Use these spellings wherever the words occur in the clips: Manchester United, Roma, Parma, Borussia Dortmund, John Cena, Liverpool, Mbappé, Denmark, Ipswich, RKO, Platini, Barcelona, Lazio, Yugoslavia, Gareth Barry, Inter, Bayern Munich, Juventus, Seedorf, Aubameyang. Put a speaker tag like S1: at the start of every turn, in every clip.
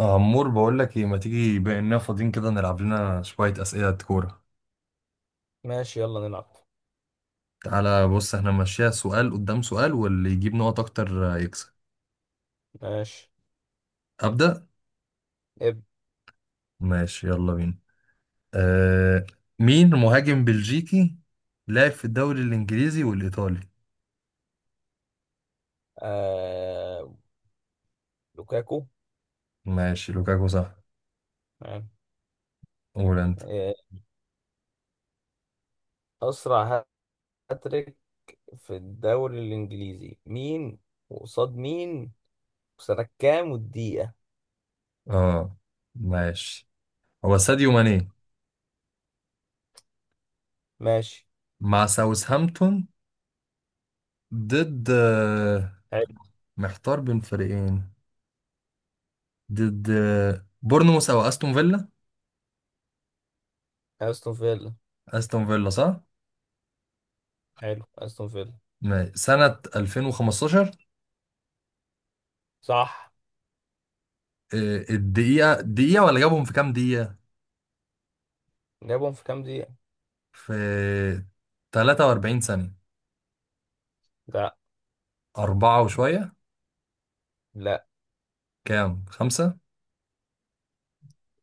S1: عمور بقول لك ايه؟ ما تيجي بما اننا فاضيين كده نلعب لنا شويه اسئله كوره.
S2: ماشي، يلا نلعب.
S1: تعالى بص، احنا ماشيها سؤال قدام سؤال واللي يجيب نقط اكتر يكسب.
S2: ماشي.
S1: ابدا.
S2: ابدأ.
S1: ماشي، يلا بينا. آه مين مهاجم بلجيكي لعب في الدوري الانجليزي والايطالي؟
S2: آه... لوكاكو.
S1: ماشي، لوكاكو صح.
S2: تمام.
S1: قول انت.
S2: آه... أسرع. هاتريك في الدوري الإنجليزي مين، وقصاد مين، وسنة كام والدقيقة؟
S1: اه ماشي، هو ساديو ماني
S2: ماشي.
S1: مع ساوثهامبتون ضد،
S2: حلو،
S1: محتار بين فريقين، ضد بورنموث او استون فيلا.
S2: أستون فيلا.
S1: استون فيلا صح.
S2: حلو، أستون فيلا
S1: سنة 2015.
S2: صح.
S1: الدقيقة، دقيقة ولا جابهم في كام دقيقة؟
S2: جابهم في كام دقيقة؟
S1: في 43 ثانية.
S2: لا،
S1: أربعة وشوية.
S2: لا،
S1: كام؟ خمسة؟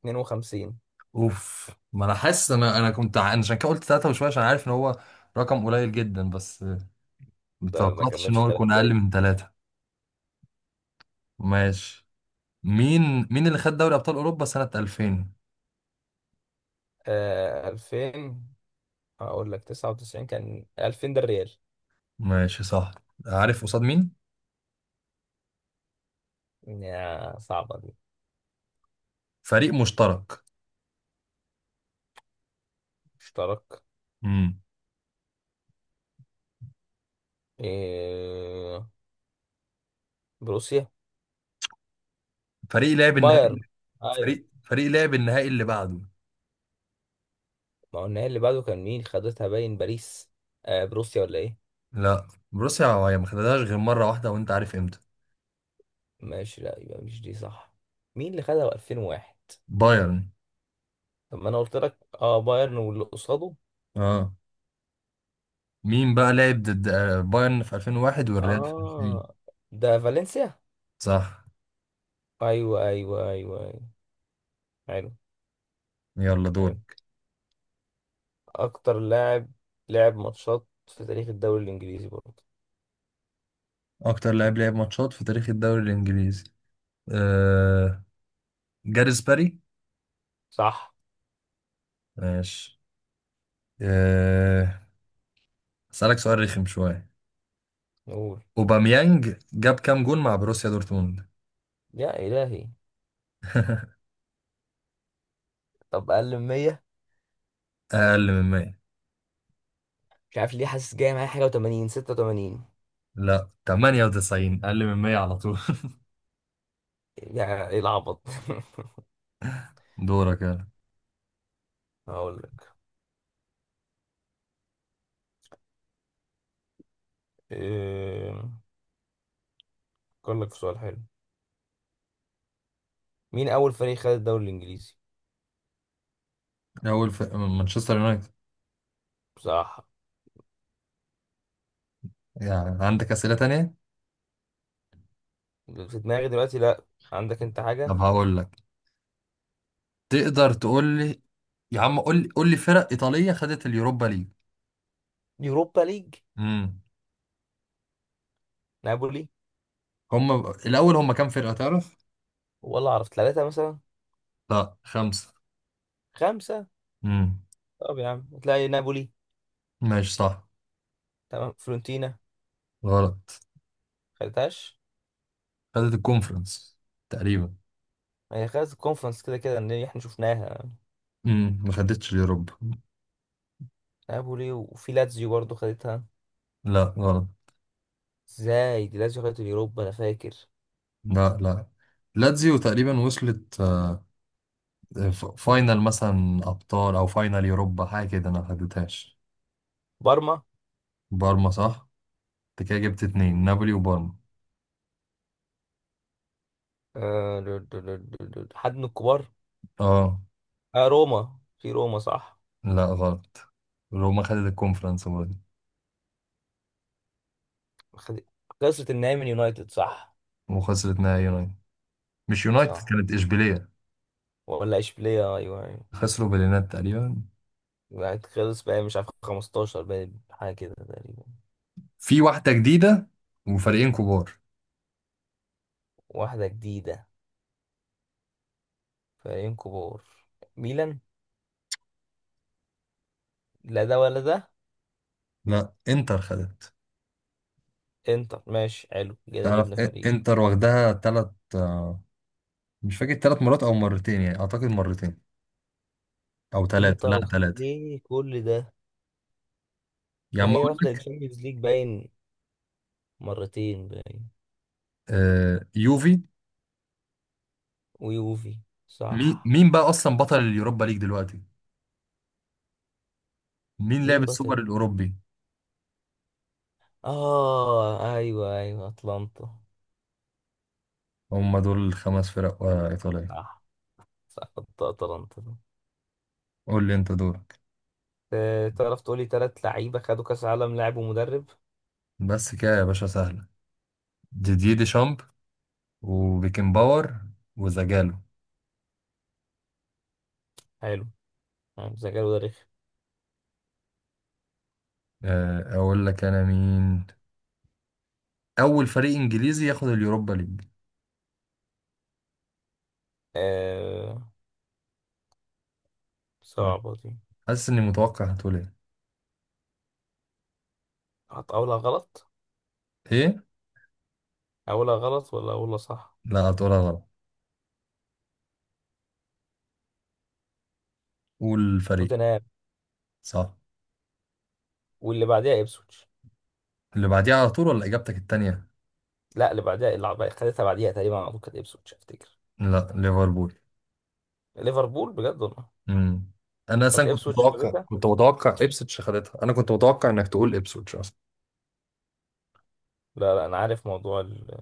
S2: 52.
S1: أوف، ما أنا حاسس. أنا كنت أنا عشان كده قلت تلاتة وشوية، عشان عارف إن هو رقم قليل جدا، بس
S2: ده ما
S1: متوقعتش إن
S2: كملش
S1: هو
S2: 3
S1: يكون أقل
S2: دقايق.
S1: من تلاتة. ماشي. مين اللي خد دوري أبطال أوروبا سنة 2000؟
S2: 2000. هقول لك 99 كان، 2000 ده الريال.
S1: ماشي صح. عارف قصاد مين؟
S2: يا صعبة دي.
S1: فريق مشترك.
S2: اشترك.
S1: امم
S2: إيه، بروسيا.
S1: فريق لعب النهائي.
S2: بايرن. ايوه،
S1: فريق لعب النهائي اللي بعده.
S2: ما هو النهائي اللي بعده كان مين؟ خدتها باين باريس. آه، بروسيا ولا ايه؟
S1: لا، بروسيا هي ما خدتهاش غير مرة واحدة، وانت عارف امتى.
S2: ماشي، لا، يبقى مش دي صح. مين اللي خدها 2001؟
S1: بايرن.
S2: طب ما انا قلت لك اه، بايرن واللي قصاده.
S1: اه. مين بقى لعب ضد بايرن في 2001 والريال في 2000؟
S2: اه، ده فالنسيا.
S1: صح.
S2: ايوه ايوه ايوه ايوه. حلو.
S1: يلا دور.
S2: حلو. اكتر لاعب لعب ماتشات في تاريخ الدوري الانجليزي برضه.
S1: اكتر لاعب لعب ماتشات في تاريخ الدوري الانجليزي. آه... جاريث باري.
S2: صح.
S1: ماشي. آه... اسالك سؤال رخم شوية.
S2: نقول.
S1: اوباميانج جاب كام جون مع بروسيا دورتموند؟
S2: يا الهي. طب اقل من 100.
S1: اقل من 100.
S2: مش عارف ليه، حاسس جاي معايا حاجه، و80، 86.
S1: لا 98، اقل من 100 على طول.
S2: يا ايه العبط.
S1: دورك يلا.
S2: هقول لك. إيه... أفكر لك في سؤال حلو. مين أول فريق خد الدوري الإنجليزي؟
S1: اول في مانشستر يونايتد.
S2: بصراحة،
S1: يعني عندك اسئلة تانية؟
S2: في دماغي دلوقتي لأ. عندك أنت حاجة؟
S1: طب هقول لك، تقدر تقول لي يا عم، قول لي قول لي فرق ايطاليه خدت اليوروبا ليج.
S2: يوروبا ليج.
S1: امم
S2: نابولي.
S1: هم الاول هم كام فرقه تعرف؟
S2: والله أعرف ثلاثة مثلا.
S1: لا خمسه.
S2: خمسة.
S1: امم
S2: طب يا عم تلاقي نابولي.
S1: ماشي صح.
S2: تمام. فلورنتينا.
S1: غلط.
S2: خدتهاش.
S1: خدت الكونفرنس تقريبا.
S2: هي خدت الكونفرنس، كده كده إن إحنا شفناها.
S1: ما خدتش اليوروبا.
S2: نابولي، وفي لاتزيو برضه خدتها.
S1: لا غلط.
S2: إزاي؟ دي لاتزيو خدت اليوروبا أنا فاكر.
S1: لا، لاتزيو تقريبا وصلت فاينل مثلا ابطال او فاينل يوروبا حاجه كده، انا ما خدتهاش.
S2: بارما.
S1: بارما صح. انت كده جبت اتنين، نابولي وبارما.
S2: آه. حد من الكبار؟
S1: اه.
S2: آه، روما، في روما صح.
S1: لا غلط، روما خدت الكونفرنس برضه.
S2: خد... خسرت النهائي من يونايتد صح.
S1: وخسرت نهائي يونايتد. مش يونايتد،
S2: صح.
S1: كانت إشبيلية.
S2: ولا اشبيليه، ايوه ايوه.
S1: خسروا باليونايتد تقريبا.
S2: بعد خلص بقى، مش عارف، 15 بقى حاجه كده تقريبا.
S1: في واحدة جديدة وفريقين كبار.
S2: واحده جديده. فريقين كبار. ميلان. لا ده ولا ده.
S1: لا، انتر خدت.
S2: انتر. ماشي حلو، كده
S1: تعرف
S2: جبنا فريق.
S1: انتر واخدها تلات مش فاكر 3 مرات او مرتين، يعني اعتقد مرتين او تلاتة،
S2: انتر،
S1: لا تلاتة.
S2: ليه كل ده؟
S1: يا
S2: ده
S1: عم
S2: هي
S1: اقول
S2: واخده
S1: لك
S2: الشامبيونز ليج باين، مرتين باين.
S1: يوفي.
S2: ويوفي.
S1: مين
S2: صح.
S1: مين بقى اصلا بطل اليوروبا ليج دلوقتي؟ مين لعب
S2: مين بطل؟
S1: السوبر الاوروبي؟
S2: اه ايوه ايوه، اتلانتا.
S1: هم دول الـ5 فرق ايطالية.
S2: صح. صح، اتلانتا.
S1: قول لي انت دورك.
S2: آه، تعرف تقولي تلات لعيبة خدوا كأس عالم لاعب ومدرب؟
S1: بس كده يا باشا، سهلة. ديديer ديشامب، وبيكن باور، وزجالو.
S2: حلو. يعني ذكاء وده رخم.
S1: اقول لك انا مين اول فريق انجليزي ياخد اليوروبا ليج.
S2: آه.
S1: لا،
S2: صعبة دي.
S1: حاسس اني متوقع هتقول ايه.
S2: أقولها غلط.
S1: ايه.
S2: أقولها غلط ولا أقولها صح؟
S1: لا هتقولها غلط. قول الفريق.
S2: توتنهام.
S1: صح.
S2: واللي بعديها إبسويتش.
S1: اللي بعديها على طول ولا اجابتك التانية؟
S2: لا، اللي بعديها، خدتها بعديها تقريبا على طول، كانت إبسويتش أفتكر.
S1: لا ليفربول.
S2: ليفربول؟ بجد والله.
S1: امم انا
S2: طب
S1: اصلا كنت
S2: إبسويتش
S1: متوقع،
S2: خدتها.
S1: كنت متوقع ابسوتش خدتها، انا كنت متوقع انك تقول ابسوتش اصلا.
S2: لا لا، أنا عارف موضوع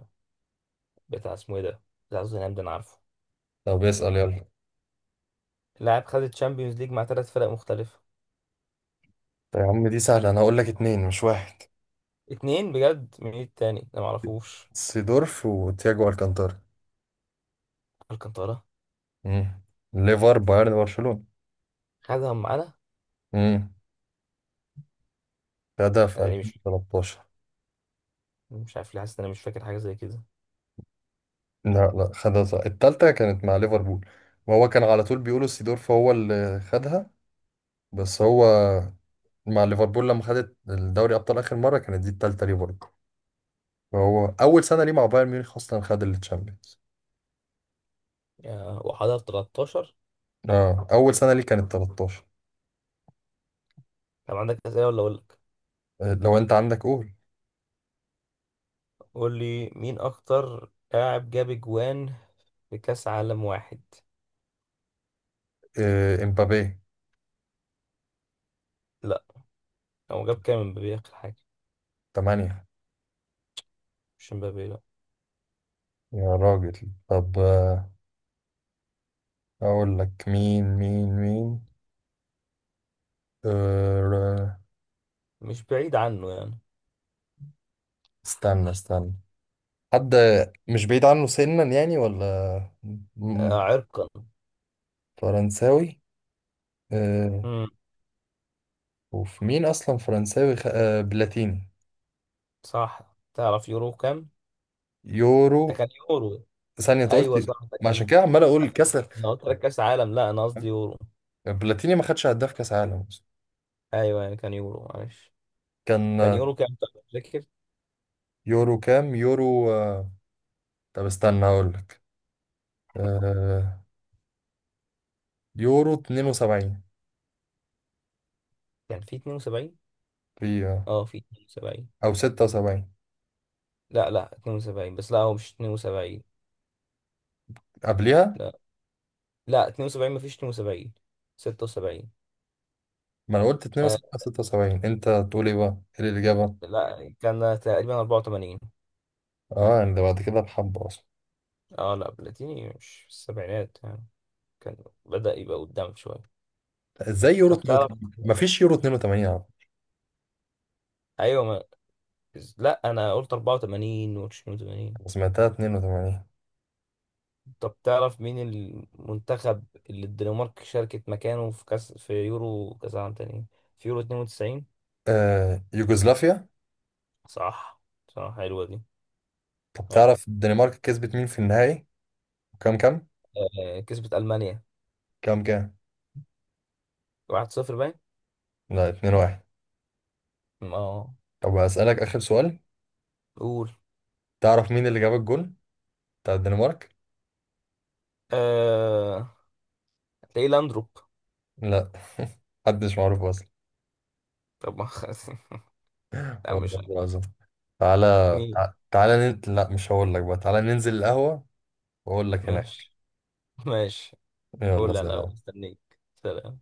S2: بتاع اسمه إيه ده، بتاع توتنهام ده أنا عارفه.
S1: طب اسال يلا.
S2: لاعب خد الشامبيونز ليج مع تلات فرق مختلفة.
S1: طيب يا عم دي سهله، انا هقول لك اتنين مش واحد:
S2: اتنين؟ بجد؟ مين التاني ده؟ معرفوش.
S1: سيدورف وتياجو الكانتارا.
S2: الكانتارا.
S1: امم ليفر، بايرن، برشلونة.
S2: خدهم معانا.
S1: مم. خدها في
S2: يعني مش
S1: 2013.
S2: مش عارف ليه، حاسس ان انا مش فاكر حاجه زي كده.
S1: لا، خدها صح التالتة كانت مع ليفربول، وهو كان على طول بيقولوا سيدورف هو اللي خدها، بس هو مع ليفربول لما خدت الدوري أبطال آخر مرة كانت دي التالتة ليه برضه، فهو أول سنة ليه مع بايرن ميونخ أصلا خد التشامبيونز.
S2: وحضر 13.
S1: اه أول سنة ليه كانت 13.
S2: طب عندك اسئله ولا اقول لك؟
S1: لو أنت عندك قول.
S2: قول لي مين اكتر لاعب جاب اجوان في كاس عالم واحد.
S1: امبابي.
S2: لا. هو جاب كام امبابي اخر حاجه؟
S1: 8.
S2: مش امبابي، لا.
S1: يا راجل، طب أقول لك، مين آه،
S2: مش بعيد عنه يعني.
S1: استنى استنى. حد مش بعيد عنه سنا يعني ولا م-
S2: آه، عرقا.
S1: فرنساوي. آه
S2: امم.
S1: وفي مين اصلا فرنساوي آه بلاتيني.
S2: صح، تعرف يورو كام؟
S1: يورو.
S2: ده كان يورو.
S1: ثانية انت قلت.
S2: ايوه صح، ده
S1: ما عشان
S2: كان.
S1: كده عمال اقول كسر.
S2: انا قلت لك كاس عالم، لا انا قصدي يورو.
S1: بلاتيني ما خدش هداف كاس عالم أصلاً.
S2: ايوه يعني كان يورو، معلش.
S1: كان
S2: كان يورو كام طب؟ فاكر؟
S1: يورو كام؟ يورو طب استنى هقول لك. آه يورو 72.
S2: كان في 72.
S1: في
S2: اه، في 72.
S1: او 76.
S2: لا لا، 72 بس، لا هو مش 72.
S1: قبلها.
S2: لا لا، 72 مفيش 72. 76.
S1: ما انا قلت
S2: آه
S1: 72، 76، انت تقول ايه بقى، ايه الاجابة؟
S2: لا، كان تقريبا 84.
S1: اه اللي بعد كده بحبة اصلا.
S2: اه لا، بلاتيني مش في السبعينات يعني. كان، بدأ يبقى قدام شوية.
S1: ازاي يورو
S2: طب تعرف؟
S1: 82 مفيش، يورو 82 يا عم.
S2: ايوه، ما... لا انا قلت 84 و 82.
S1: أنا سمعتها 82.
S2: طب تعرف مين المنتخب اللي الدنمارك شاركت مكانه في كاس، في يورو كاس عام تاني؟ في يورو 92.
S1: يوغوسلافيا.
S2: صح. صح، حلوة دي.
S1: طب
S2: حلو.
S1: تعرف الدنمارك كسبت مين في النهائي؟ كام كام؟
S2: آه، كسبت ألمانيا
S1: كام كام؟
S2: 1-0 باين.
S1: لا 2 1.
S2: اه.
S1: طب هسألك آخر سؤال،
S2: قول.
S1: تعرف مين اللي جاب الجول بتاع الدنمارك؟
S2: آه... تلاقيه لاندروب.
S1: لا. محدش معروف اصلا.
S2: طب ما خلاص. لا مش
S1: والله
S2: عارف.
S1: العظيم. تعالى.
S2: مين؟
S1: تعالى لا مش هقول لك بقى، تعالى ننزل القهوة واقول لك هناك.
S2: ماشي. ماشي.
S1: يلا
S2: قول، لا لا
S1: سلام.
S2: استنيك. سلام.